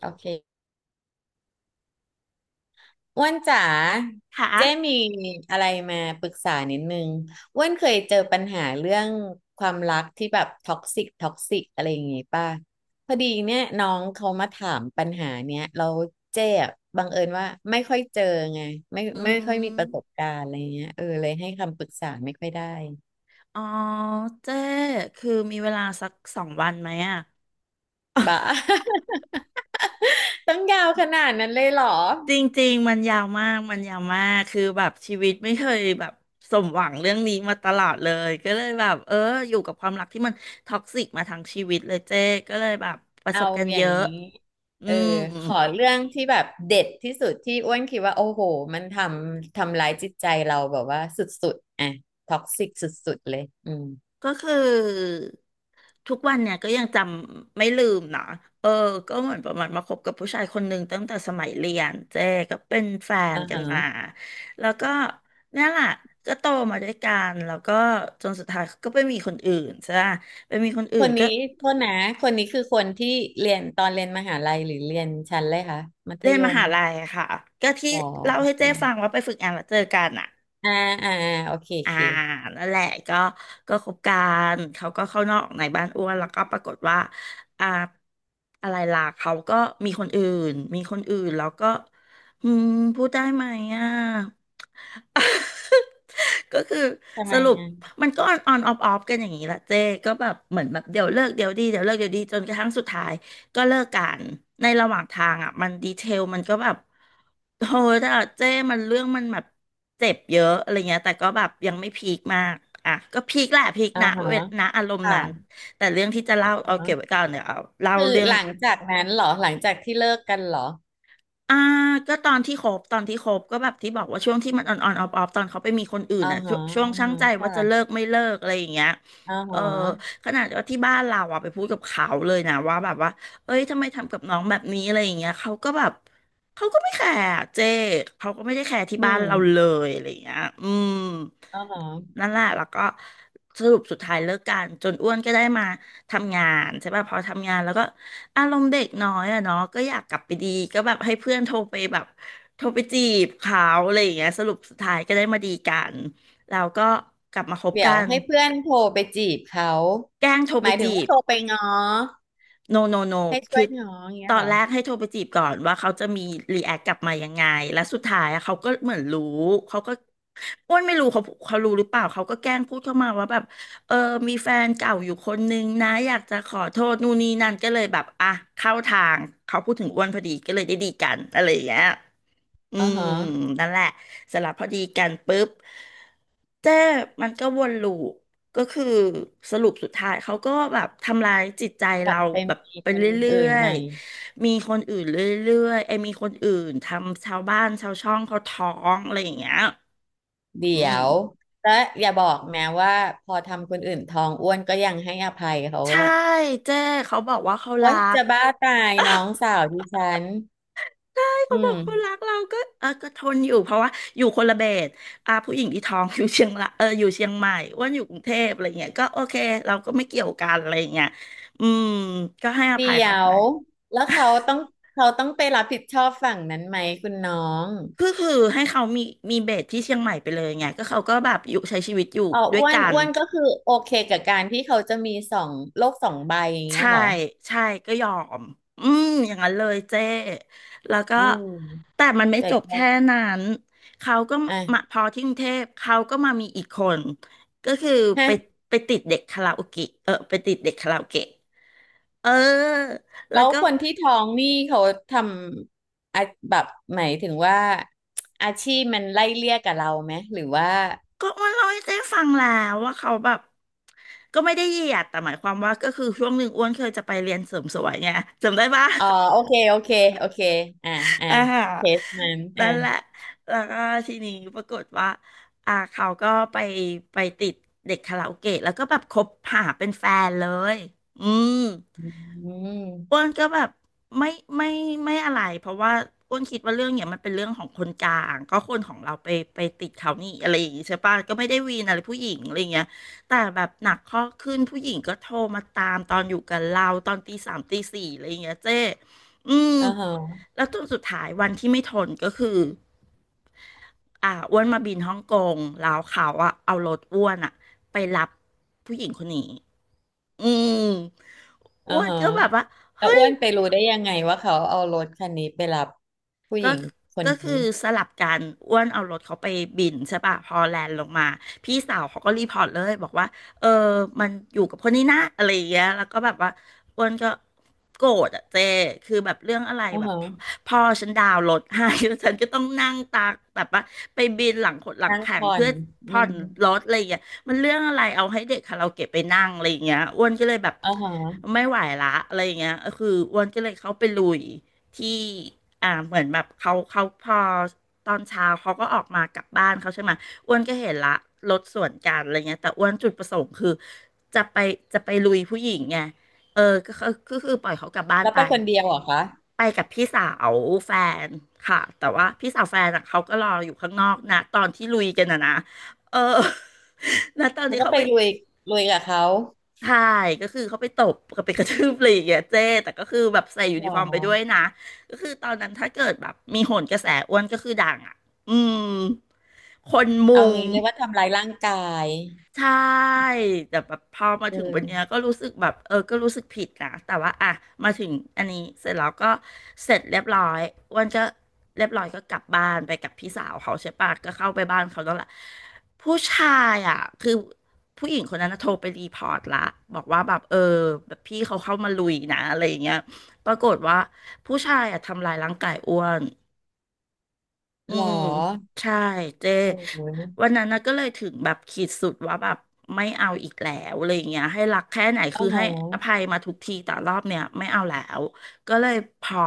โอเคอ้วนจ๋าเจ้ค่ะมีอะไรมาปรึกษานิดนึงอ้วนเคยเจอปัญหาเรื่องความรักที่แบบท็อกซิกท็อกซิกอะไรอย่างงี้ป่ะพอดีเนี่ยน้องเขามาถามปัญหาเนี้ยเราเจ๊อะบังเอิญว่าไม่ค่อยเจอไงไม่อืไม่ค่อยมีประสมบการณ์อะไรเงี้ยเลยให้คำปรึกษาไม่ค่อยได้อ๋อเจ้คือมีเวลาสัก2 วันไหมอ่ะบ้า ต้องยาวขนาดนั้นเลยเหรอ จริงๆมันยาวมากมันยาวมาก คือแบบชีวิตไม่เคยแบบสมหวังเรื่องนี้มาตลอดเลยก็เลยแบบอยู่กับความรักที่มันท็อกซิกมาทั้งชีวิตเลยเจ้ก็เลยแบบประสเอาบกันอเยย่างอะ นี้อืเออม ขอเรื่องที่แบบเด็ดที่สุดที่อ้วนคิดว่าโอ้โหมันทำร้ายจิตใจเราแบบว่าสุดๆอ่ะท็อกซิกสุดๆเลยอืมก็คือทุกวันเนี่ยก็ยังจำไม่ลืมนะเออก็เหมือนประมาณมาคบกับผู้ชายคนหนึ่งตั้งแต่สมัยเรียนเจ๊ก็เป็นแฟนอ่ากันฮะมาแล้วก็เนี่ยแหละก็โตมาด้วยกันแล้วก็จนสุดท้ายก็ไปมีคนอื่นใช่ไหมไปมีคนอื่คนนก็นี้โทษนะคนนี้คือคนที่เรียนตอนเรียนมหาลัยหรือเรียนชั้นเลยคะมัธเรียนยมมหาลัยอะค่ะก็ที่อ๋อเล่าโอให้เคเจ๊ฟังว่าไปฝึกงานแล้วเจอกันอ่ะ อ่าอ่าอ่าโอเคโออ่าเคนั่นแหละก็ก็คบกันเขาก็เข้านอกในบ้านอ้วน แล้วก็ปรากฏว่าอ่าอะไรล่ะเขาก็มีคนอื่น มีคนอื่นแล้วก็อืมพูดได้ไหมอ่ะ ก็คือทำสไมรุปอ่ะมันก็ออนออนออฟออฟกันอย่างนี้แหละเจ้ก็แบบเหมือนแบบเดี๋ยวเลิกเดี๋ยวดีเดี๋ยวเลิกเดี๋ยวดีจนกระทั่งสุดท้ายก็เลิกกันในระหว่างทางอ่ะมันดีเทลมันก็แบบโหแต่เจ้มันเรื่องมันแบบเจ็บเยอะอะไรเงี้ยแต่ก็แบบยังไม่พีคมากอ่ะก็พีคแหละพีคอ่านะฮะเวนะอารมณ์นั้นค่ะแต่เรื่องที่จะเล่าอ่าเอาเก็ฮะบไว้ก่อนเดี๋ยวเอาเล่าคือเรื่อง หลังจากนั้นเหรอหลังจากที่เลิกกันเหรออ่าก็ตอนที่คบก็แบบที่บอกว่าช่วงที่มันออนออนออฟออฟตอนเขาไปมีคนอื่นอ่าอ่ะช่ฮะวงช่วงอ่าชั่างฮะใจว่าจะเลิค่ะกไม่เลิกอะไรอย่างเงี้ยอ่าฮเออะขนาดว่าที่บ้านเราอ่ะไปพูดกับเขาเลยนะว่าแบบว่าเอ้ยทำไมทำกับน้องแบบนี้อะไรอย่างเงี้ยเขาก็ไม่แคร์อะเจ๊เขาก็ไม่ได้แคร์ที่อืบ้านเราเลม ยอะไรอย่างเงี้ยอืมอ๋อนั่นแหละแล้วก็สรุปสุดท้ายเลิกกันจนอ้วนก็ได้มาทำงานใช่ป่ะพอทำงานแล้วก็ อารมณ์เด็กน้อยอะเนาะก็อยากกลับไปดีก็แบบให้เพื่อนโทรไปแบบโทรไปจีบเขาอะไรอย่างเงี้ยสรุปสุดท้ายก็ได้มาดีกันแล้วก็กลับมาคบเดี๋ยกัวนให้เพื่อนโทรไปจีบเขาแกล้งโทรหไปมายถึงจีว่าบ โทรไปง้อ no no no ให้ช่คืวอยง้ออย่างเงี้ตยอเหนรอแรกให้โทรไปจีบก่อนว่าเขาจะมีรีแอคกลับมายังไงและสุดท้ายอะเขาก็เหมือนรู้ เขาก็อ้วนไม่รู้เขาเขารู้หรือเปล่า เขาก็แกล้งพูดเข้ามาว่าแบบเออมีแฟนเก่าอยู่คนนึงนะอยากจะขอโทษนู่นนี่นั่นก็เลยแบบอ่ะเข้าทางเขาพูดถึงอ้วนพอดีก็เลยได้ดีกันอะไรอย่างเงี้ย อือ๋อมฮะนั่นแหละเสร็จแล้วพอดีกันปุ๊บเจ้มันก็วนลูปก็คือสรุปสุดท้ายเขาก็แบบทำลายจิตใจกลัเราบไปแบบมีไปคเนรื่อื่นอใหยม่ๆมีคนอื่นเรื่อยๆไอ้ยมีคนอื่นทำชาวบ้านชาวช่องเขาท้องอะไรอย่างเงี้ยเดี๋อืยมวและอย่าบอกแม้ว่าพอทำคนอื่นท้องอ้วนก็ยังให้อภัยเขาใช่อะเจ้เขาบอกว่าเขาโอ๊รัยก จะบ้าตายน้องสาวดิฉันอืเขาบมอกคนรักเราก็เออก็ทนอยู่เพราะว่าอยู่คนละเบสอ่าผู้หญิงที่ท้องอยู่เชียงละเอออยู่เชียงใหม่อ้วนอยู่กรุงเทพอะไรเงี้ยก็โอเคเราก็ไม่เกี่ยวกันอะไรเงี้ยอืมก็ให้อเดี๋ภัยยเขาไปวแล้วเขาต้องไปรับผิดชอบฝั่งนั้นไหมคุณน้องก็คือให้เขามีเบสที่เชียงใหม่ไปเลยไงก็เขาก็แบบอยู่ใช้ชีวิตอยู่อ๋อด้วยอ้วนกัน อ้วนก็คือโอเคกับการที่เขาจะมีสองโลกสองใบอย่างเงี้ยใช่เหรอ ใช่ก็ยอมอืมอย่างนั้นเลยเจ้แล้วก็ อืมแต่มันไม่แจจกบจ่ายแค่นั้นเขาก็อ่ะมาพอที่กรุงเทพเขาก็มามีอีกคน ก็คือไปฮะไปติดเด็กคาราโอเกะเออไปติดเด็กคาราโอเกะเออแล้แล้ววก็คนที่ท้องนี่เขาทอาแบบหมายถึงว่าอาชีพมันไล่เลี่ยกับเราไหมหรือว่าก็มันเล่าให้เจ๊ฟังแล้วว่าเขาแบบก็ไม่ได้เหยียดแต่หมายความว่าก็คือช่วงหนึ่งอ้วนเคยจะไปเรียนเสริมสวยไงจำได้ปะ อ๋อโอเคโอเคโอเคอ่าอ่าอ่าฮะเคสนั้นอ่านั่นแหละ แล้วก็ทีนี้ปรากฏว่าอ่าเขาก็ไปติดเด็กคาราโอเกะแล้วก็แบบคบหาเป็นแฟนเลย อืมอือ้วมนก็แบบไม่ไม่ไม่อะไร เพราะว่าอ้วนคิดว่าเรื่องเนี่ยมันเป็นเรื่องของคนกลาง ก็คนของเราไปไปติดเขานี่อะไรอย่างงี้ใช่ปะก็ไม่ได้วีนอะไรผู้หญิงอะไรเงี้ยแต่แบบหนักข้อขึ้นผู้หญิงก็โทรมาตามตอนอยู่กับเราตอนตี 3ตี 4อะไรเงี้ยเจ้อืม อ่าฮะแล้วตัวสุดท้ายวันที่ไม่ทนก็คืออ่าอ้วนมาบินฮ่องกงแล้วเขาอะเอารถอ้วนอะไปรับผู้หญิงคนนี้อืมอ่าอ้วนฮะก็แบบว่าแล้เฮ้วอ้ย วนไปรู้ได้ยังไงว่าเขาเอารถคันนี้ไปรับผู้หก็ ญิงคนก็คืนี้อสลับกันอ้วนเอารถเขาไปบินใช่ป่ะพอแลนด์ลงมาพี่สาวเขาก็รีพอร์ตเลยบอกว่าเออมันอยู่กับคนนี้นะอะไรอย่างเงี้ยแล้วก็แบบว่าอ้วนก็โกรธอะเจคือแบบเรื่องอะไรอ่าแบบฮะพ่อฉันดาวน์รถให้ แล้วฉันก็ต้องนั่งตากแบบว่าไปบินหลังขดหลังนั่งแข็งผ่อเพื่นออืผ่อนมรถอะไรอย่างเงี้ยมันเรื่องอะไรเอาให้เด็กคาราโอเกะไปนั่งอะไรอย่างเงี้ยอ้วนก็เลยแบบอ่าฮะไม่ไหวละอะไรอย่างเงี้ยคืออ้วนก็เลยเข้าไปลุย ที่อ่าเหมือนแบบเขาพอตอนเช้าเขาก็ออกมากลับบ้านเขาใช่ไหมอ้วนก็เห็นละรถสวนกันอะไรเงี้ยแต่อ้วนจุดประสงค์คือจะไปจะไปลุยผู้หญิงไงเออก็คือปล่อยเขากลับบ้านแล้วไปไปคนเดียวเหรอคะไปกับพี่สาวแฟนค่ะแต่ว่าพี่สาวแฟนอ่ะเขาก็รออยู่ข้างนอกนะตอนที่ลุยกันนะ เออ นะตอนแล้ที่วก็เขาไปไป ลุยกับเขาใช่ก็คือเขาไปตบกับไปกระทืบอะไรอย่างเงี้ยเจ๊แต่ก็คือแบบใส่ยูหรนิอ ฟอร์มไปด้วยนะก็คือตอนนั้นถ้าเกิดแบบมีโหนกระแสอ้วนก็คือดังอ่ะ อืม คนเอามุง งี้เลยกว่าทำร้ายร่างกายใช่แต่แบบพอมาเอถึงวันเนี้ยอก็รู้สึกแบบเออก็รู้สึกผิดนะแต่ว่าอ่ะมาถึงอันนี้เสร็จแล้วก็เสร็จเรียบร้อยอ้วันก็เรียบร้อยก็กลับบ้านไปกับพี่สาวเขาใช่ปะก็เข้าไปบ้านเขาแล้วแหละผู้ชายอ่ะคือผู้หญิงคนนั้นน่ะโทรไปรีพอร์ตละบอกว่าแบบเออแบบพี่เขาเข้ามาลุยนะอะไรอย่างเงี้ยปรากฏว่าผู้ชายอ่ะทำลายร่างกายอ้วน อืหรอมใช่เจโอ้โหวันนั้นนะก็เลยถึงแบบขีดสุดว่าแบบไม่เอาอีกแล้วอะไรอย่างเงี้ยให้รักแค่ไหนโอ้คือโหให้อภัยมาทุกทีแต่รอบเนี้ยไม่เอาแล้วก็เลยพอ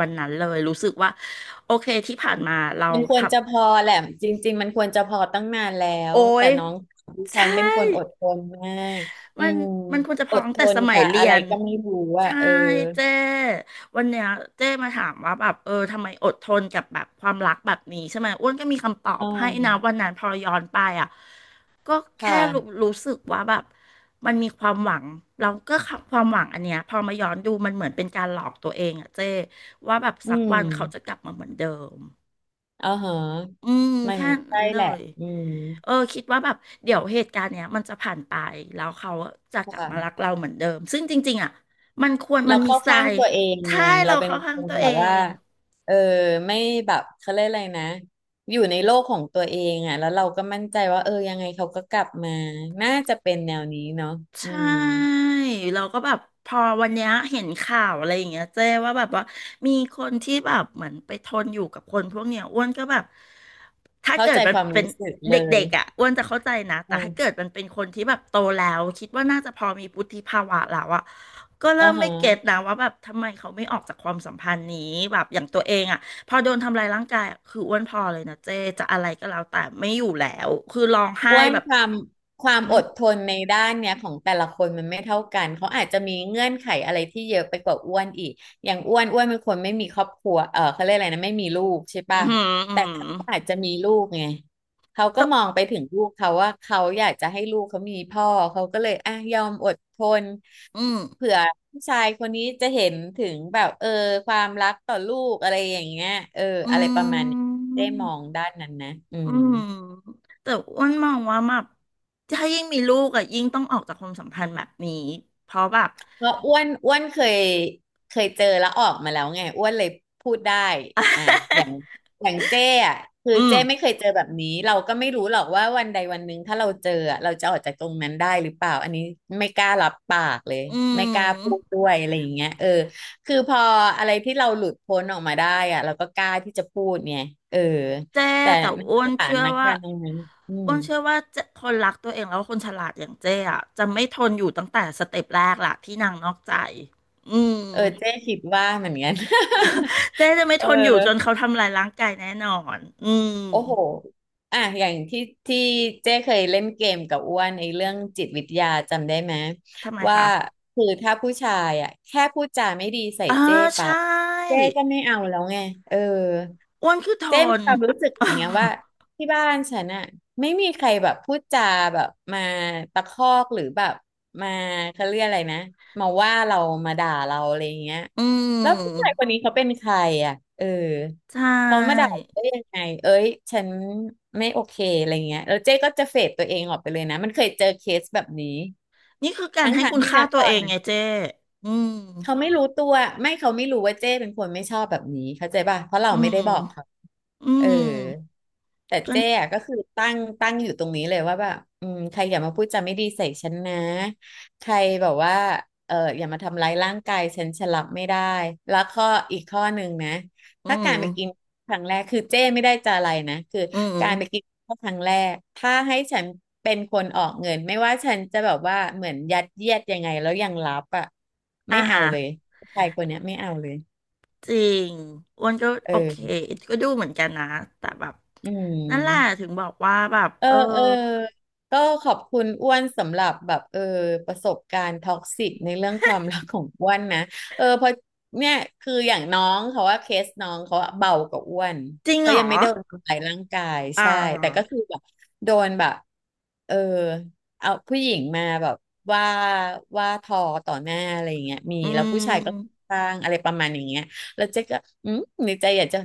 วันนั้นเลยรู้สึกว่าโอเคที่ผ่านมาเรามันคทวรจะพอแหละ จริงๆมันควรจะพอตั้งนานแล้ำว โอ้แต่ยน้องดิฉัใช่นเป็นคนอดทนมากอืมันมมันควรจะพออดตั้งทแต่นสมัยกับเรีอะยไรน ก็ไม่รู้อ่ะใช่เออเจ้วันเนี้ยเจ้มาถามว่าแบบเออทำไมอดทนกับแบบความรักแบบนี้ใช่ไหมอ้วนก็มีคำตออืบให้นะวัมนนั้นพอย้อนไปอ่ะก็แค่รู้ค่ะรู้สึกว่าแบบมันมีความหวังเราก็ความหวังอันเนี้ยพอมาย้อนดูมันเหมือนเป็นการหลอกตัวเองอ่ะเจ้ว่าแบบอืสักมวันเขาจะกลับมาเหมือนเดิมอ๋อเหรออืมมันแค่ใช่นั้นเลแหละย อืมเออคิดว่าแบบเดี๋ยวเหตุการณ์เนี้ยมันจะผ่านไปแล้วเขาจะกลับมารัค่ะ กเราเหมือนเดิมซึ่งจริงๆอ่ะมันควรเรามันมีเข้าทราข้างยตัวเองไงถ้าให้เราเราเป็นเข้าคข้างนตัวแบเอบว่าง เออไม่แบบเขาเรียกอะไรนะอยู่ในโลกของตัวเองอ่ะแล้วเราก็มั่นใจว่าเออยังไงเขาก็กลับมาน่าจะเป็นแนวนี้เนาะใชอืม่เราก็แบบพอวันเนี้ยเห็นข่าวอะไรอย่างเงี้ยเจ้ว่าแบบว่ามีคนที่แบบเหมือนไปทนอยู่กับคนพวกเนี้ยอ้วนก็แบบถ้าเข้าเกิดใจมัคนวามเป็นรู้สึกเลเดย็กๆอ่ะอ้วนจะเข้าใจนะอ่แต่ถ้าเกิดามันเป็นคนที่แบบโตแล้วคิดว่าน่าจะพอมีวุฒิภาวะแล้วอ่ะก็เริ่อ่ามฮะ ไม่เก็ตนะว่าแบบทำไมเขาไม่ออกจากความสัมพันธ์นี้แบบอย่างตัวเองอ่ะพอโดนทำลายร่างกายอะคืออ้วนพอเลยนะเจ้จะอะไรก็แล้วแต่ไม่อยู่แล้วคือร้องไห้อ้วนแบบความอืออหือดทนในด้านเนี้ยของแต่ละคนมันไม่เท่ากันเขาอาจจะมีเงื่อนไขอะไรที่เยอะไปกว่าอ้วนอีกอย่างอ้วนอ้วนเป็นคนไม่มีครอบครัวเออเขาเรียกอะไรนะไม่มีลูกใช่อื้ป่ะอหืแต่เขาอาจจะมีลูกไงเขาก็อ มองไปถึงลูกเขาว่าเขาอยากจะให้ลูกเขามีพ่อเขาก็เลยอ่ะยอมอดทนอืมเผื่อผู้ชายคนนี้จะเห็นถึงแบบเออความรักต่อลูกอะไรอย่างเงี้ยเอออือะไรประมาณนี้ได้มองม ด้านนั้นนะอือืม ม แต่อ้วนมองว่าแบบถ้ายิ่งมีลูกอะยิ่งต้องออกจากความสัมพันธ์แบบนี้เพราะแบบ เพราะอ้วนอ้วนเคยเจอแล้วออกมาแล้วไงอ้วนเลยพูดได้อ่ะอย่าง อย่างเจ้อ่ะคืออืมเจ้ไม่เคยเจอแบบนี้เราก็ไม่รู้หรอกว่าวันใดวันหนึ่งถ้าเราเจออะเราจะออกจากตรงนั้นได้หรือเปล่าอันนี้ไม่กล้ารับปากเลยอืไม่กล้าพูมดด้วยอะไรอย่างเงี้ยเออคือพออะไรที่เราหลุดพ้นออกมาได้อ่ะเราก็กล้าที่จะพูดไงเออเจ๊แต่แต่ในอ้วสนถาเชื่อนว่าการณ์ตรงนั้นอืมเจ๊คนรักตัวเองแล้วคนฉลาดอย่างเจ๊อะจะไม่ทนอยู่ตั้งแต่สเต็ปแรกล่ะที่นางนอกใจอืมเออเจ้คิดว่าเหมือนกัน เจ๊จะไม่เออ ทนอยู่จนเขาทำลายร่างกายแน่นอนอืมโอ้โหอ่ะอย่างที่ที่เจ้เคยเล่นเกมกับอ้วนในเรื่องจิตวิทยาจำได้ไหมทำไมว่าคะคือถ้าผู้ชายอ่ะแค่พูดจาไม่ดีใส่อ่าเจ้ใชปั๊บเจ้่ ก็ไม่เอาแล้วไงเออ อ้วนคือทเจ๊มีน ค วามรู้สึกอย่างเงี้ยว่าที่บ้านฉันอะไม่มีใครแบบพูดจาแบบมาตะคอกหรือแบบมาเขาเรียกอะไรนะมาว่าเรามาด่าเราอะไรอย่างเงี้ยอืแล้วผู้ชายมคนนี้เขาเป็นใครอ่ะเออใช่ เขามาด่าเราได้ยังไงเอ้ยฉันไม่โอเคอะไรเงี้ยแล้วเจ๊ก็จะเฟดตัวเองออกไปเลยนะมันเคยเจอเคสแบบนี้นี่คือการทั้งให้ทางคุณที่ค่านะตัตวอเอนงนั้ไงน เจ้อืมเขาไม่รู้ตัวไม่เขาไม่รู้ว่าเจ้เป็นคนไม่ชอบแบบนี้เข้าใจป่ะเพราะเราอืไม่ได้บอกเขามอืเออมแต่ก็เจ๊อะก็คือตั้งอยู่ตรงนี้เลยว่าแบบอืมใครอย่ามาพูดจาไม่ดีใส่ฉันนะใครแบบว่าเอออย่ามาทำร้ายร่างกายฉันฉันรับไม่ได้ แล้วอีกข้อหนึ่งนะ อืถ้ากามรไปกินครั้งแรกคือเจ๊ไม่ได้จะอะไรนะคือ อืมการไปกินข้าวครั้งแรกถ้าให้ฉันเป็นคนออกเงิน ไม่ว่าฉันจะแบบว่าเหมือนยัดเยียดยังไงแล้วยังรับอ่ะอ่าไม่เอาฮะเลยผู้ชายคนเนี้ยไม่เอาเลยจริงอ้วนก็โอเคเออก็ดูเหมือนกันนะแต่แบบอืนั่นแหละม ถึงบอกว่าแบบเออเออเออก็ขอบคุณอ้วนสำหรับแบบเออประสบการณ์ท็อกซิกในเรื่องความรักของอ้วนนะเออเพราะเนี่ยคืออย่างน้องเขาว่าเคสน้องเขาอะเบากว่าอ้วนจริงเขาเหรยัองไม่โดนทำร้ายร่างกายอ่ใช่แต่ก็าคือแบบโดนแบบเออเอาผู้หญิงมาแบบว่าทอต่อหน้าอะไรอย่างเงี้ยมีอืแล้วผู้ชายก็ม สร้างอะไรประมาณอย่างเงี้ยแล้วเจ๊ก็อืมในใจอยากจะ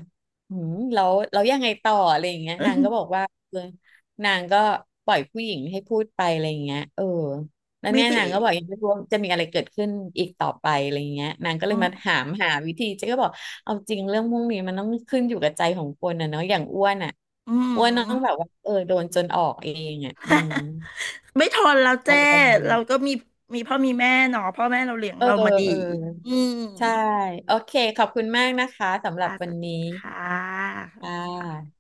อืมแล้วยังไงต่ออะไรอย่างเงี้ยนางก็บอก ว่า นางก็ปล่อยผู้หญิงให้พูดไปอะไรอย่างเงี้ยเออแล้วไม่เนี่ยไดีนางก็บอกยังไม่รู้ว่าจะมีอะไรเกิดขึ้นอีกต่อไปอะไรอย่างเงี้ยนางก็อืเลยมามถามหาวิธีเจ๊ก็บอกเอาจริงเรื่องพวกนี้มันต้องขึ้นอยู่กับใจของคนนะเนาะอย่างอ้วนอ่ะอืม อ้วนต้องแบบว่าเออโดนจนออกเองอ่ะอืม ไม่ทนแล้วอะเจ้ไรประมาณนี้เราก็มีมีพ่อมีแม่เนาะพ่อแม่เราเลี้ยงเออเรามาดีเอออืมใช่โอเคขอบคุณมากนะคะสำหรัอ่าบสวันวัสดีนี้ค่ะค่ะ